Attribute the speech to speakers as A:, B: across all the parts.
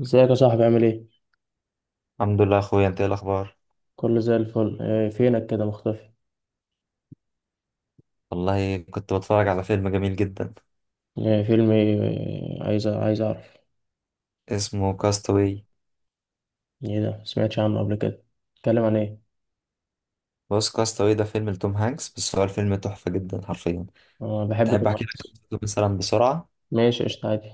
A: ازيك يا صاحبي، عامل ايه؟
B: الحمد لله يا اخويا، انت ايه الاخبار؟
A: كله زي الفل. إيه فينك كده مختفي؟
B: والله كنت بتفرج على فيلم جميل جدا
A: إيه فيلم ايه إيه، عايز اعرف.
B: اسمه كاستاوي.
A: ايه ده؟ مسمعتش عنه قبل كده. اتكلم عن ايه؟
B: بص، كاستاوي ده فيلم لتوم هانكس، بس هو الفيلم تحفة جدا حرفيا.
A: اه، بحب
B: تحب
A: توم
B: احكي لك
A: هانكس.
B: قصته مثلا بسرعة؟
A: ماشي، قشطة، عادي.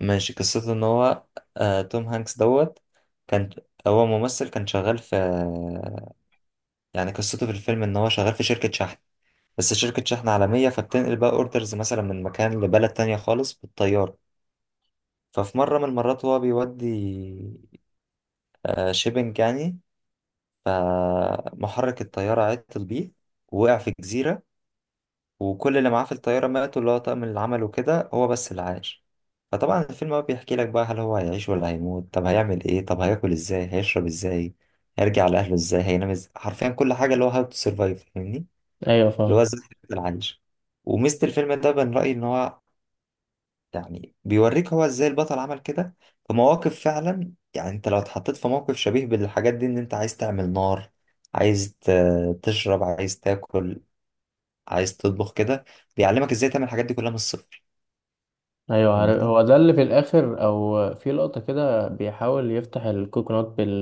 B: ماشي. قصته ان هو توم هانكس كان، هو ممثل كان شغال في، يعني قصته في الفيلم ان هو شغال في شركة شحن، بس شركة شحن عالمية، فبتنقل بقى اوردرز مثلا من مكان لبلد تانية خالص بالطيارة. ففي مرة من المرات هو بيودي، شيبنج يعني، فمحرك الطيارة عطل بيه ووقع في جزيرة، وكل اللي معاه في الطيارة ماتوا، اللي هو طاقم، اللي عمله كده هو بس اللي عاش. فطبعا الفيلم بقى بيحكي لك بقى، هل هو هيعيش ولا هيموت؟ طب هيعمل ايه؟ طب هياكل ازاي؟ هيشرب ازاي؟ هيرجع لأهله ازاي؟ هينام ازاي؟ حرفيا كل حاجة، اللي هو هاو تو سرفايف، فاهمني؟
A: ايوه
B: اللي هو
A: فاهم.
B: ازاي هيفضل عايش. وميزة الفيلم ده من رأيي ان هو، يعني بيوريك هو ازاي البطل عمل كده في مواقف. فعلا يعني انت لو اتحطيت في موقف شبيه بالحاجات دي، ان انت عايز تعمل نار، عايز تشرب، عايز تاكل، عايز تطبخ كده، بيعلمك ازاي تعمل الحاجات دي كلها من الصفر.
A: ايوه عارف،
B: فاهمني؟
A: هو ده اللي في الاخر او في لقطة كده بيحاول يفتح الكوكونات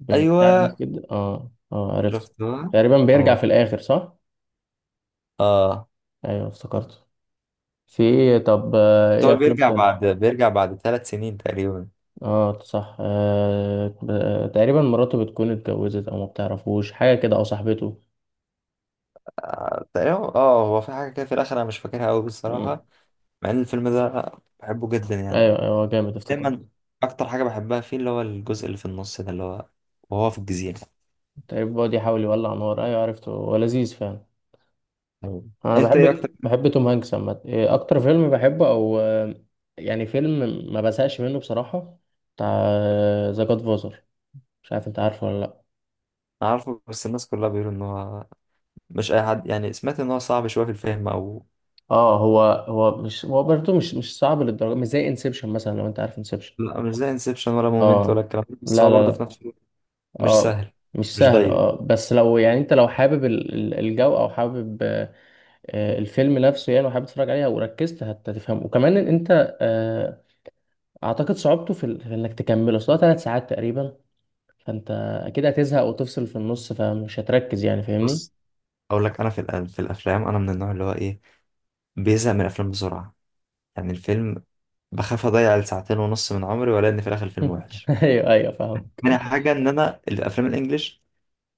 A: بالبتاع ده
B: ايوه،
A: كده، اه اه، عرفت.
B: شفتها.
A: تقريبا بيرجع
B: اه،
A: في الاخر، صح؟
B: اه.
A: ايوه افتكرته. في ايه؟ طب
B: بس
A: ايه
B: هو
A: افلام
B: بيرجع،
A: تانية؟
B: بعد 3 سنين تقريبا.
A: اه صح، تقريبا مراته بتكون اتجوزت او ما بتعرفوش حاجه كده، او صاحبته.
B: تقريبا، اه، هو في حاجه كده في الاخر انا مش فاكرها قوي
A: مم.
B: بصراحه. مع ان الفيلم ده بحبه جدا يعني،
A: ايوه ايوه، جامد، افتكرت.
B: دايما. اكتر حاجه بحبها فيه اللي هو الجزء اللي في النص ده، اللي هو وهو في الجزيره.
A: تقريبا بيقعد يحاول يولع نار، ايوه عرفته، هو لذيذ فعلا.
B: أيوة.
A: انا
B: انت ايه اكتر؟
A: بحب توم هانكس عامه. إيه اكتر فيلم بحبه، او يعني فيلم ما بزهقش منه بصراحه، بتاع ذا جاد فازر. مش عارف انت عارفه ولا لا.
B: أنا عارفه، بس الناس كلها بيقولوا ان هو مش اي حد يعني، سمعت ان هو صعب شويه في الفهم او.
A: اه، هو مش هو برضه مش صعب للدرجه، مش زي انسبشن مثلا، لو انت عارف انسبشن.
B: لا، مش زي انسبشن ولا مومنت ولا
A: اه،
B: الكلام ده، بس
A: لا
B: هو برضه في
A: لا.
B: نفس الوقت مش
A: اه
B: سهل،
A: مش
B: مش
A: سهل.
B: دايركت.
A: اه، بس لو يعني انت لو حابب الجو، او حابب، الفيلم نفسه يعني، وحابب تتفرج عليها وركزت هتفهمه، وكمان ان انت، اعتقد صعوبته في انك تكمله اصلا 3 ساعات تقريبا. فانت اكيد هتزهق وتفصل في النص، فمش هتركز يعني، فاهمني؟
B: بص، اقول لك، انا في الافلام انا من النوع اللي هو ايه، بيزهق من الافلام بسرعه. يعني الفيلم، بخاف اضيع الساعتين ونص من عمري ولا ان في الاخر الفيلم وحش.
A: ايوه ايوه فاهم.
B: تاني حاجه، ان انا الافلام الانجليش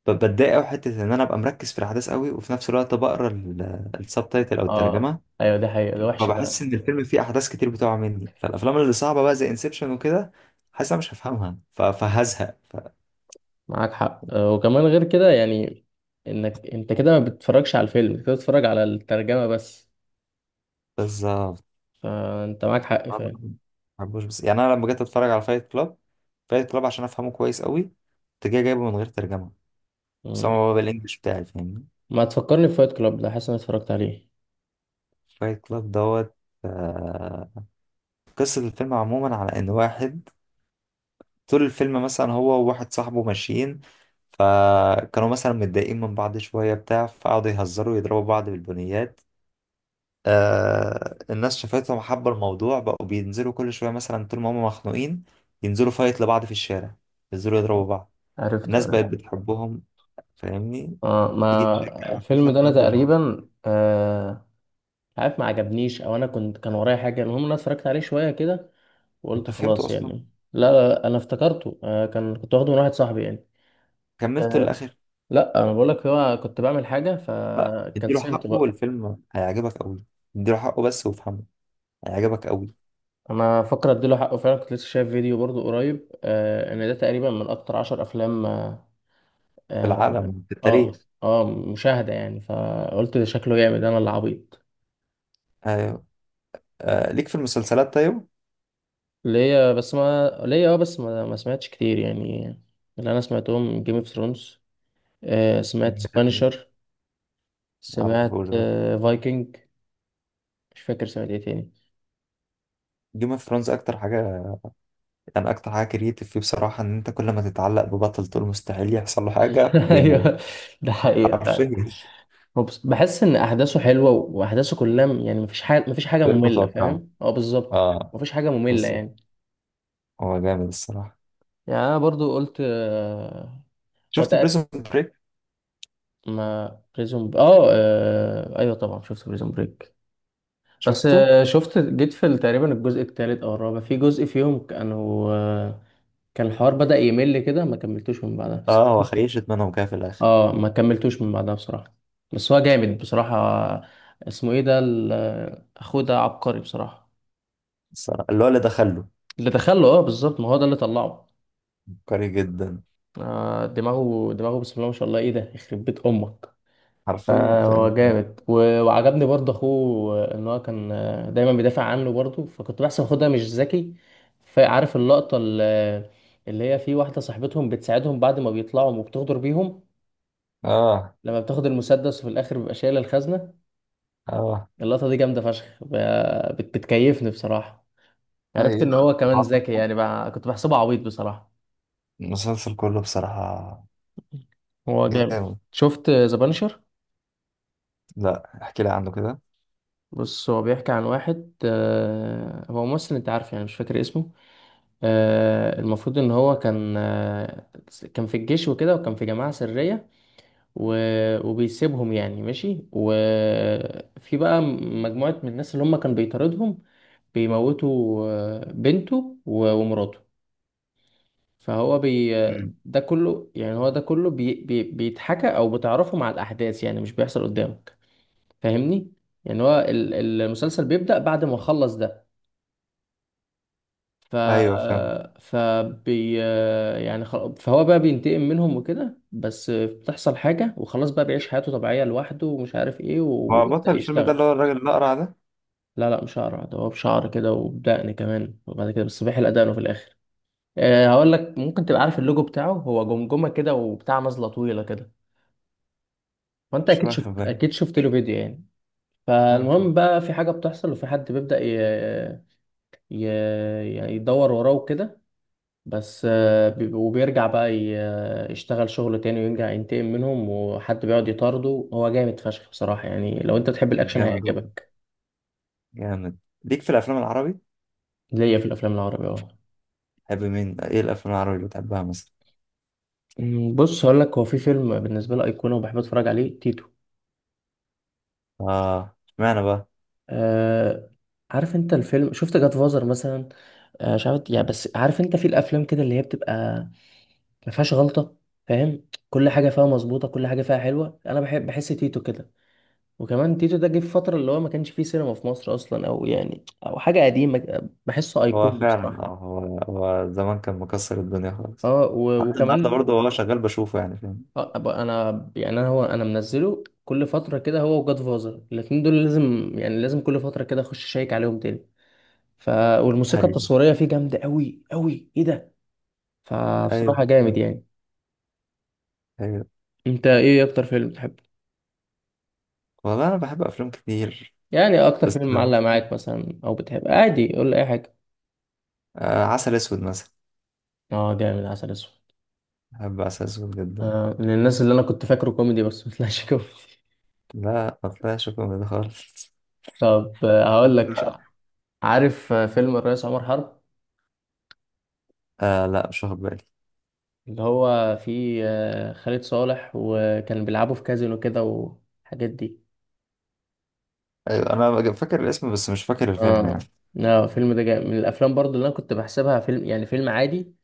B: بتضايق قوي حته ان انا ابقى مركز في الاحداث قوي وفي نفس الوقت بقرا السب تايتل او
A: اه
B: الترجمه.
A: ايوه، دي حقيقة، دي وحشة
B: فبحس
A: فعلا.
B: ان الفيلم فيه احداث كتير بتقع مني. فالافلام اللي صعبه بقى زي انسبشن وكده، حاسس انا مش هفهمها فهزهق
A: معاك حق، وكمان غير كده، يعني انك انت كده ما بتتفرجش على الفيلم، انت كده بتتفرج على الترجمة بس.
B: بالظبط.
A: فانت معاك حق
B: ما
A: فعلا.
B: بحبوش. بس يعني انا لما جيت اتفرج على فايت كلاب، فايت كلاب عشان افهمه كويس قوي كنت جاي جايبه من غير ترجمه، بس هو بقى بالانجلش بتاعي، فاهمني؟
A: ما تفكرني بفايت كلاب ده، حاسس اني اتفرجت عليه.
B: فايت كلاب دوت آه، قصه الفيلم عموما على ان واحد طول الفيلم، مثلا هو وواحد صاحبه ماشيين، فكانوا مثلا متضايقين من بعض شوية بتاع، فقعدوا يهزروا ويضربوا بعض بالبنيات. آه، الناس شافتهم حبوا الموضوع، بقوا بينزلوا كل شوية مثلا طول ما هم مخنوقين، ينزلوا فايت لبعض في الشارع، ينزلوا يضربوا بعض.
A: عرفته
B: الناس بقت
A: عرفته.
B: بتحبهم. فاهمني؟
A: اه،
B: تيجي تشجع
A: ما الفيلم
B: وهكذا
A: ده انا
B: لحد ما
A: تقريبا عارف ما عجبنيش، او انا كنت كان ورايا حاجه، المهم انا اتفرجت عليه شويه كده، وقلت
B: انت فهمته
A: خلاص
B: اصلا،
A: يعني. لا لا، انا افتكرته كان كنت واخده من واحد صاحبي يعني.
B: كملته
A: آه
B: للاخر.
A: لا، انا بقول لك هو كنت بعمل حاجه
B: اديله
A: فكنسلت
B: حقه
A: بقى.
B: والفيلم هيعجبك قوي. اديله حقه بس، وافهمه، هيعجبك قوي.
A: انا فاكر، اديله حقه فعلا، كنت لسه شايف فيديو برضو قريب، ان ده تقريبا من اكتر 10 افلام
B: في
A: آه
B: العالم، في
A: اه
B: التاريخ.
A: اه مشاهدة يعني، فقلت ده شكله جامد، انا اللي عبيط.
B: آه. آه، ليك في المسلسلات طيب؟
A: ليا بس ما ليا، اه بس، ما سمعتش كتير يعني. اللي انا سمعتهم: جيم اوف ثرونز، سمعت سبانشر،
B: على طول
A: سمعت
B: ده.
A: فايكنج. مش فاكر سمعت ايه تاني.
B: جيم اوف ثرونز اكتر حاجه، يعني اكتر حاجه كرييتيف فيه بصراحه، ان انت كل ما تتعلق ببطل تقول مستحيل يحصل له حاجه، بيموت.
A: ايوه، ده حقيقة فعلا.
B: حرفيا
A: هو بحس ان احداثه حلوة، واحداثه كلها يعني مفيش حاجة
B: ده
A: مملة،
B: المتوقع.
A: فاهم؟ اه بالظبط.
B: اه،
A: مفيش حاجة مملة
B: بالظبط.
A: يعني.
B: هو جامد الصراحه.
A: يعني انا برضو قلت هو
B: شفت بريزون بريك؟
A: ما بريزون ب... اه آه، ايوه طبعا شفت بريزون بريك. بس
B: شفته.
A: شفت جيت في تقريبا الجزء الثالث او الرابع، في جزء فيهم كانوا، كان الحوار بدأ يمل كده، ما كملتوش من بعدها بس.
B: اه، هو خيشت منهم كده في الاخر.
A: اه، ما كملتوش من بعدها بصراحة. بس هو جامد بصراحة. اسمه ايه ده اخوه ده عبقري بصراحة.
B: الصراحه اللي هو اللي دخله
A: اللي دخله، اه بالظبط، ما هو ده اللي طلعه.
B: عبقري جدا.
A: دماغه دماغه، بسم الله ما شاء الله، ايه ده، يخرب بيت امك!
B: حرفيا
A: فهو
B: فاهم.
A: جامد، وعجبني برضه اخوه، ان هو كان دايما بيدافع عنه برضه، فكنت بحسب اخوه ده مش ذكي. فعارف اللقطة اللي هي، في واحدة صاحبتهم بتساعدهم بعد ما بيطلعوا وبتغدر بيهم،
B: اه،
A: لما بتاخد المسدس وفي الاخر بيبقى شايلة الخزنة؟
B: اه،
A: اللقطة دي جامدة فشخ، بتكيفني بصراحة. عرفت ان
B: ايوه
A: هو كمان ذكي يعني، بقى كنت بحسبه عبيط بصراحة.
B: المسلسل كله بصراحه
A: هو جامد.
B: جامد.
A: شفت ذا بانشر؟
B: لا، احكي لي عنه كده.
A: بص، هو بيحكي عن واحد، هو ممثل، انت عارف يعني، مش فاكر اسمه. المفروض ان هو كان، كان في الجيش وكده، وكان في جماعة سرية، وبيسيبهم يعني ماشي. وفي بقى مجموعة من الناس اللي هم كانوا بيطاردهم، بيموتوا بنته ومراته. فهو بي ده كله يعني، هو ده كله بي بي بيتحكى او بتعرفه مع الاحداث، يعني مش بيحصل قدامك، فاهمني. يعني هو المسلسل بيبدأ بعد ما خلص ده. ف
B: ايوه فاهم.
A: فبي يعني خل... فهو بقى بينتقم منهم وكده، بس بتحصل حاجة وخلاص، بقى بيعيش حياته طبيعية لوحده ومش عارف ايه،
B: هو بطل
A: ويبدأ
B: الفيلم ده اللي
A: يشتغل.
B: هو الراجل الأقرع ده؟
A: لا لا، مش شعر ده، هو بشعر كده وبدقن كمان، وبعد كده بس بيحلق دقنه في الآخر. أه هقول لك، ممكن تبقى عارف اللوجو بتاعه، هو جمجمة كده وبتاع نازلة طويلة كده، فأنت
B: مش
A: أكيد
B: واخد
A: شفت،
B: بالي.
A: أكيد شفت له فيديو يعني.
B: ممكن.
A: فالمهم بقى في حاجة بتحصل، وفي حد بيبدأ ي... يعني يدور وراه وكده. بس وبيرجع بقى يشتغل شغل تاني، ويرجع ينتقم منهم، وحد بيقعد يطارده. هو جامد فشخ بصراحة يعني، لو انت تحب الاكشن
B: جامد والله،
A: هيعجبك.
B: جامد. ليك في الأفلام العربي؟
A: ليا في الافلام العربية، اه.
B: تحب مين؟ إيه الأفلام العربي اللي بتحبها مثلا؟
A: بص هقول لك، هو في فيلم بالنسبة لي أيقونة وبحب أتفرج عليه: تيتو.
B: آه، اشمعنى بقى؟
A: آه عارف أنت الفيلم؟ شفت جاد فازر مثلا؟ مش عارف يعني، بس عارف أنت في الأفلام كده اللي هي بتبقى ما فيهاش غلطة، فاهم؟ كل حاجة فيها مظبوطة، كل حاجة فيها حلوة، أنا بحب، بحس تيتو كده. وكمان تيتو ده جه في فترة اللي هو ما كانش فيه سينما في مصر أصلا، أو يعني أو حاجة قديمة، بحسه
B: هو
A: أيقوني
B: فعلا،
A: بصراحة.
B: هو زمان كان مكسر الدنيا خالص.
A: اه،
B: حتى النهارده
A: وكمان
B: برضه هو شغال بشوفه، يعني فاهم.
A: أبقى أنا، يعني أنا منزله كل فترة كده، هو وجاد فازر الاتنين دول لازم، يعني لازم كل فترة كده أخش أشيك عليهم تاني. ف والموسيقى
B: ايوه،
A: التصويرية فيه جامدة أوي أوي، إيه ده!
B: ايوه،
A: فبصراحة جامد يعني.
B: ايوه.
A: أنت إيه أكتر فيلم بتحبه؟
B: والله انا بحب افلام كتير،
A: يعني أكتر
B: بس
A: فيلم معلق معاك مثلا، أو بتحب عادي، قول لي أي حاجة.
B: آه، عسل اسود مثلا.
A: اه جامد، عسل أسود.
B: بحب عسل اسود جدا.
A: من الناس اللي انا كنت فاكره كوميدي بس ما طلعش كوميدي.
B: لا، ما طلعش كوميدي خالص
A: طب، عارف فيلم الرئيس عمر حرب؟
B: آه، لا، مش واخد بالي.
A: اللي هو فيه خالد صالح، وكان بيلعبوا في كازينو كده والحاجات دي.
B: ايوه انا فاكر الاسم، بس مش فاكر الفيلم يعني.
A: اه، لا الفيلم ده جاي من الافلام برضو اللي انا كنت بحسبها فيلم يعني فيلم عادي.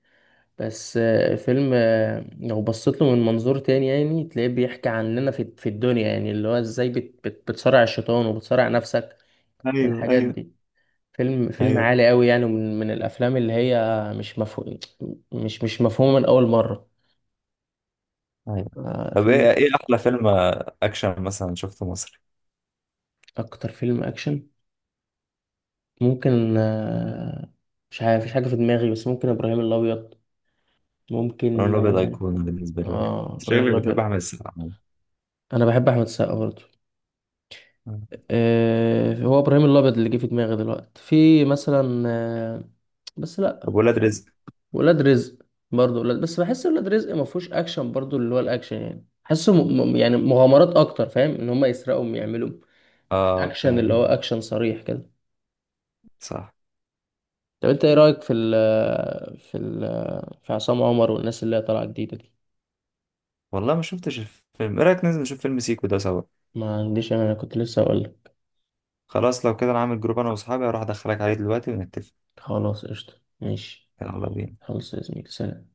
A: بس فيلم، لو بصيت له من منظور تاني، يعني تلاقيه بيحكي عننا في الدنيا يعني، اللي هو ازاي بت بت بتصارع الشيطان وبتصارع نفسك
B: ايوه،
A: والحاجات
B: ايوه،
A: دي. فيلم فيلم
B: ايوه،
A: عالي قوي يعني، من الافلام اللي هي مش مفهوم، مش مفهومه من اول مره.
B: ايوه.
A: آه
B: طب ايه
A: فيلم
B: ايه احلى فيلم اكشن مثلا شفته مصري؟
A: اكتر فيلم اكشن ممكن، مش عارف، مفيش حاجه في دماغي، بس ممكن ابراهيم الابيض
B: لون
A: ممكن.
B: الابيض ايقوني بالنسبه
A: اه
B: لي برضه. أنت
A: ابراهيم
B: شكلك بتحب
A: الابيض.
B: احمد السقا عموماً.
A: انا بحب احمد السقا برضه. هو ابراهيم الابيض اللي جه في دماغي دلوقتي في مثلا، بس
B: طب
A: لا.
B: ولاد رزق؟
A: ولاد رزق، برضه ولاد، بس بحس ولاد رزق ما فيهوش اكشن برضه، اللي هو الاكشن يعني، حاسه يعني مغامرات اكتر، فاهم؟ ان هم يسرقوا، يعملوا، مش
B: اه،
A: اكشن اللي هو
B: بيعجبني.
A: اكشن صريح كده.
B: صح.
A: طب انت ايه رايك في ال في ال في عصام عمر والناس اللي هي طالعه جديده دي؟
B: والله ما شفتش الفيلم. ايه رايك ننزل نشوف فيلم سيكو ده سوا؟
A: ما عنديش انا، أنا كنت لسه اقول لك.
B: خلاص، لو كده انا عامل جروب انا واصحابي، هروح ادخلك عليه دلوقتي ونتفق.
A: خلاص قشطه، ماشي.
B: يلا بينا.
A: خلص يا زميلي، سلام.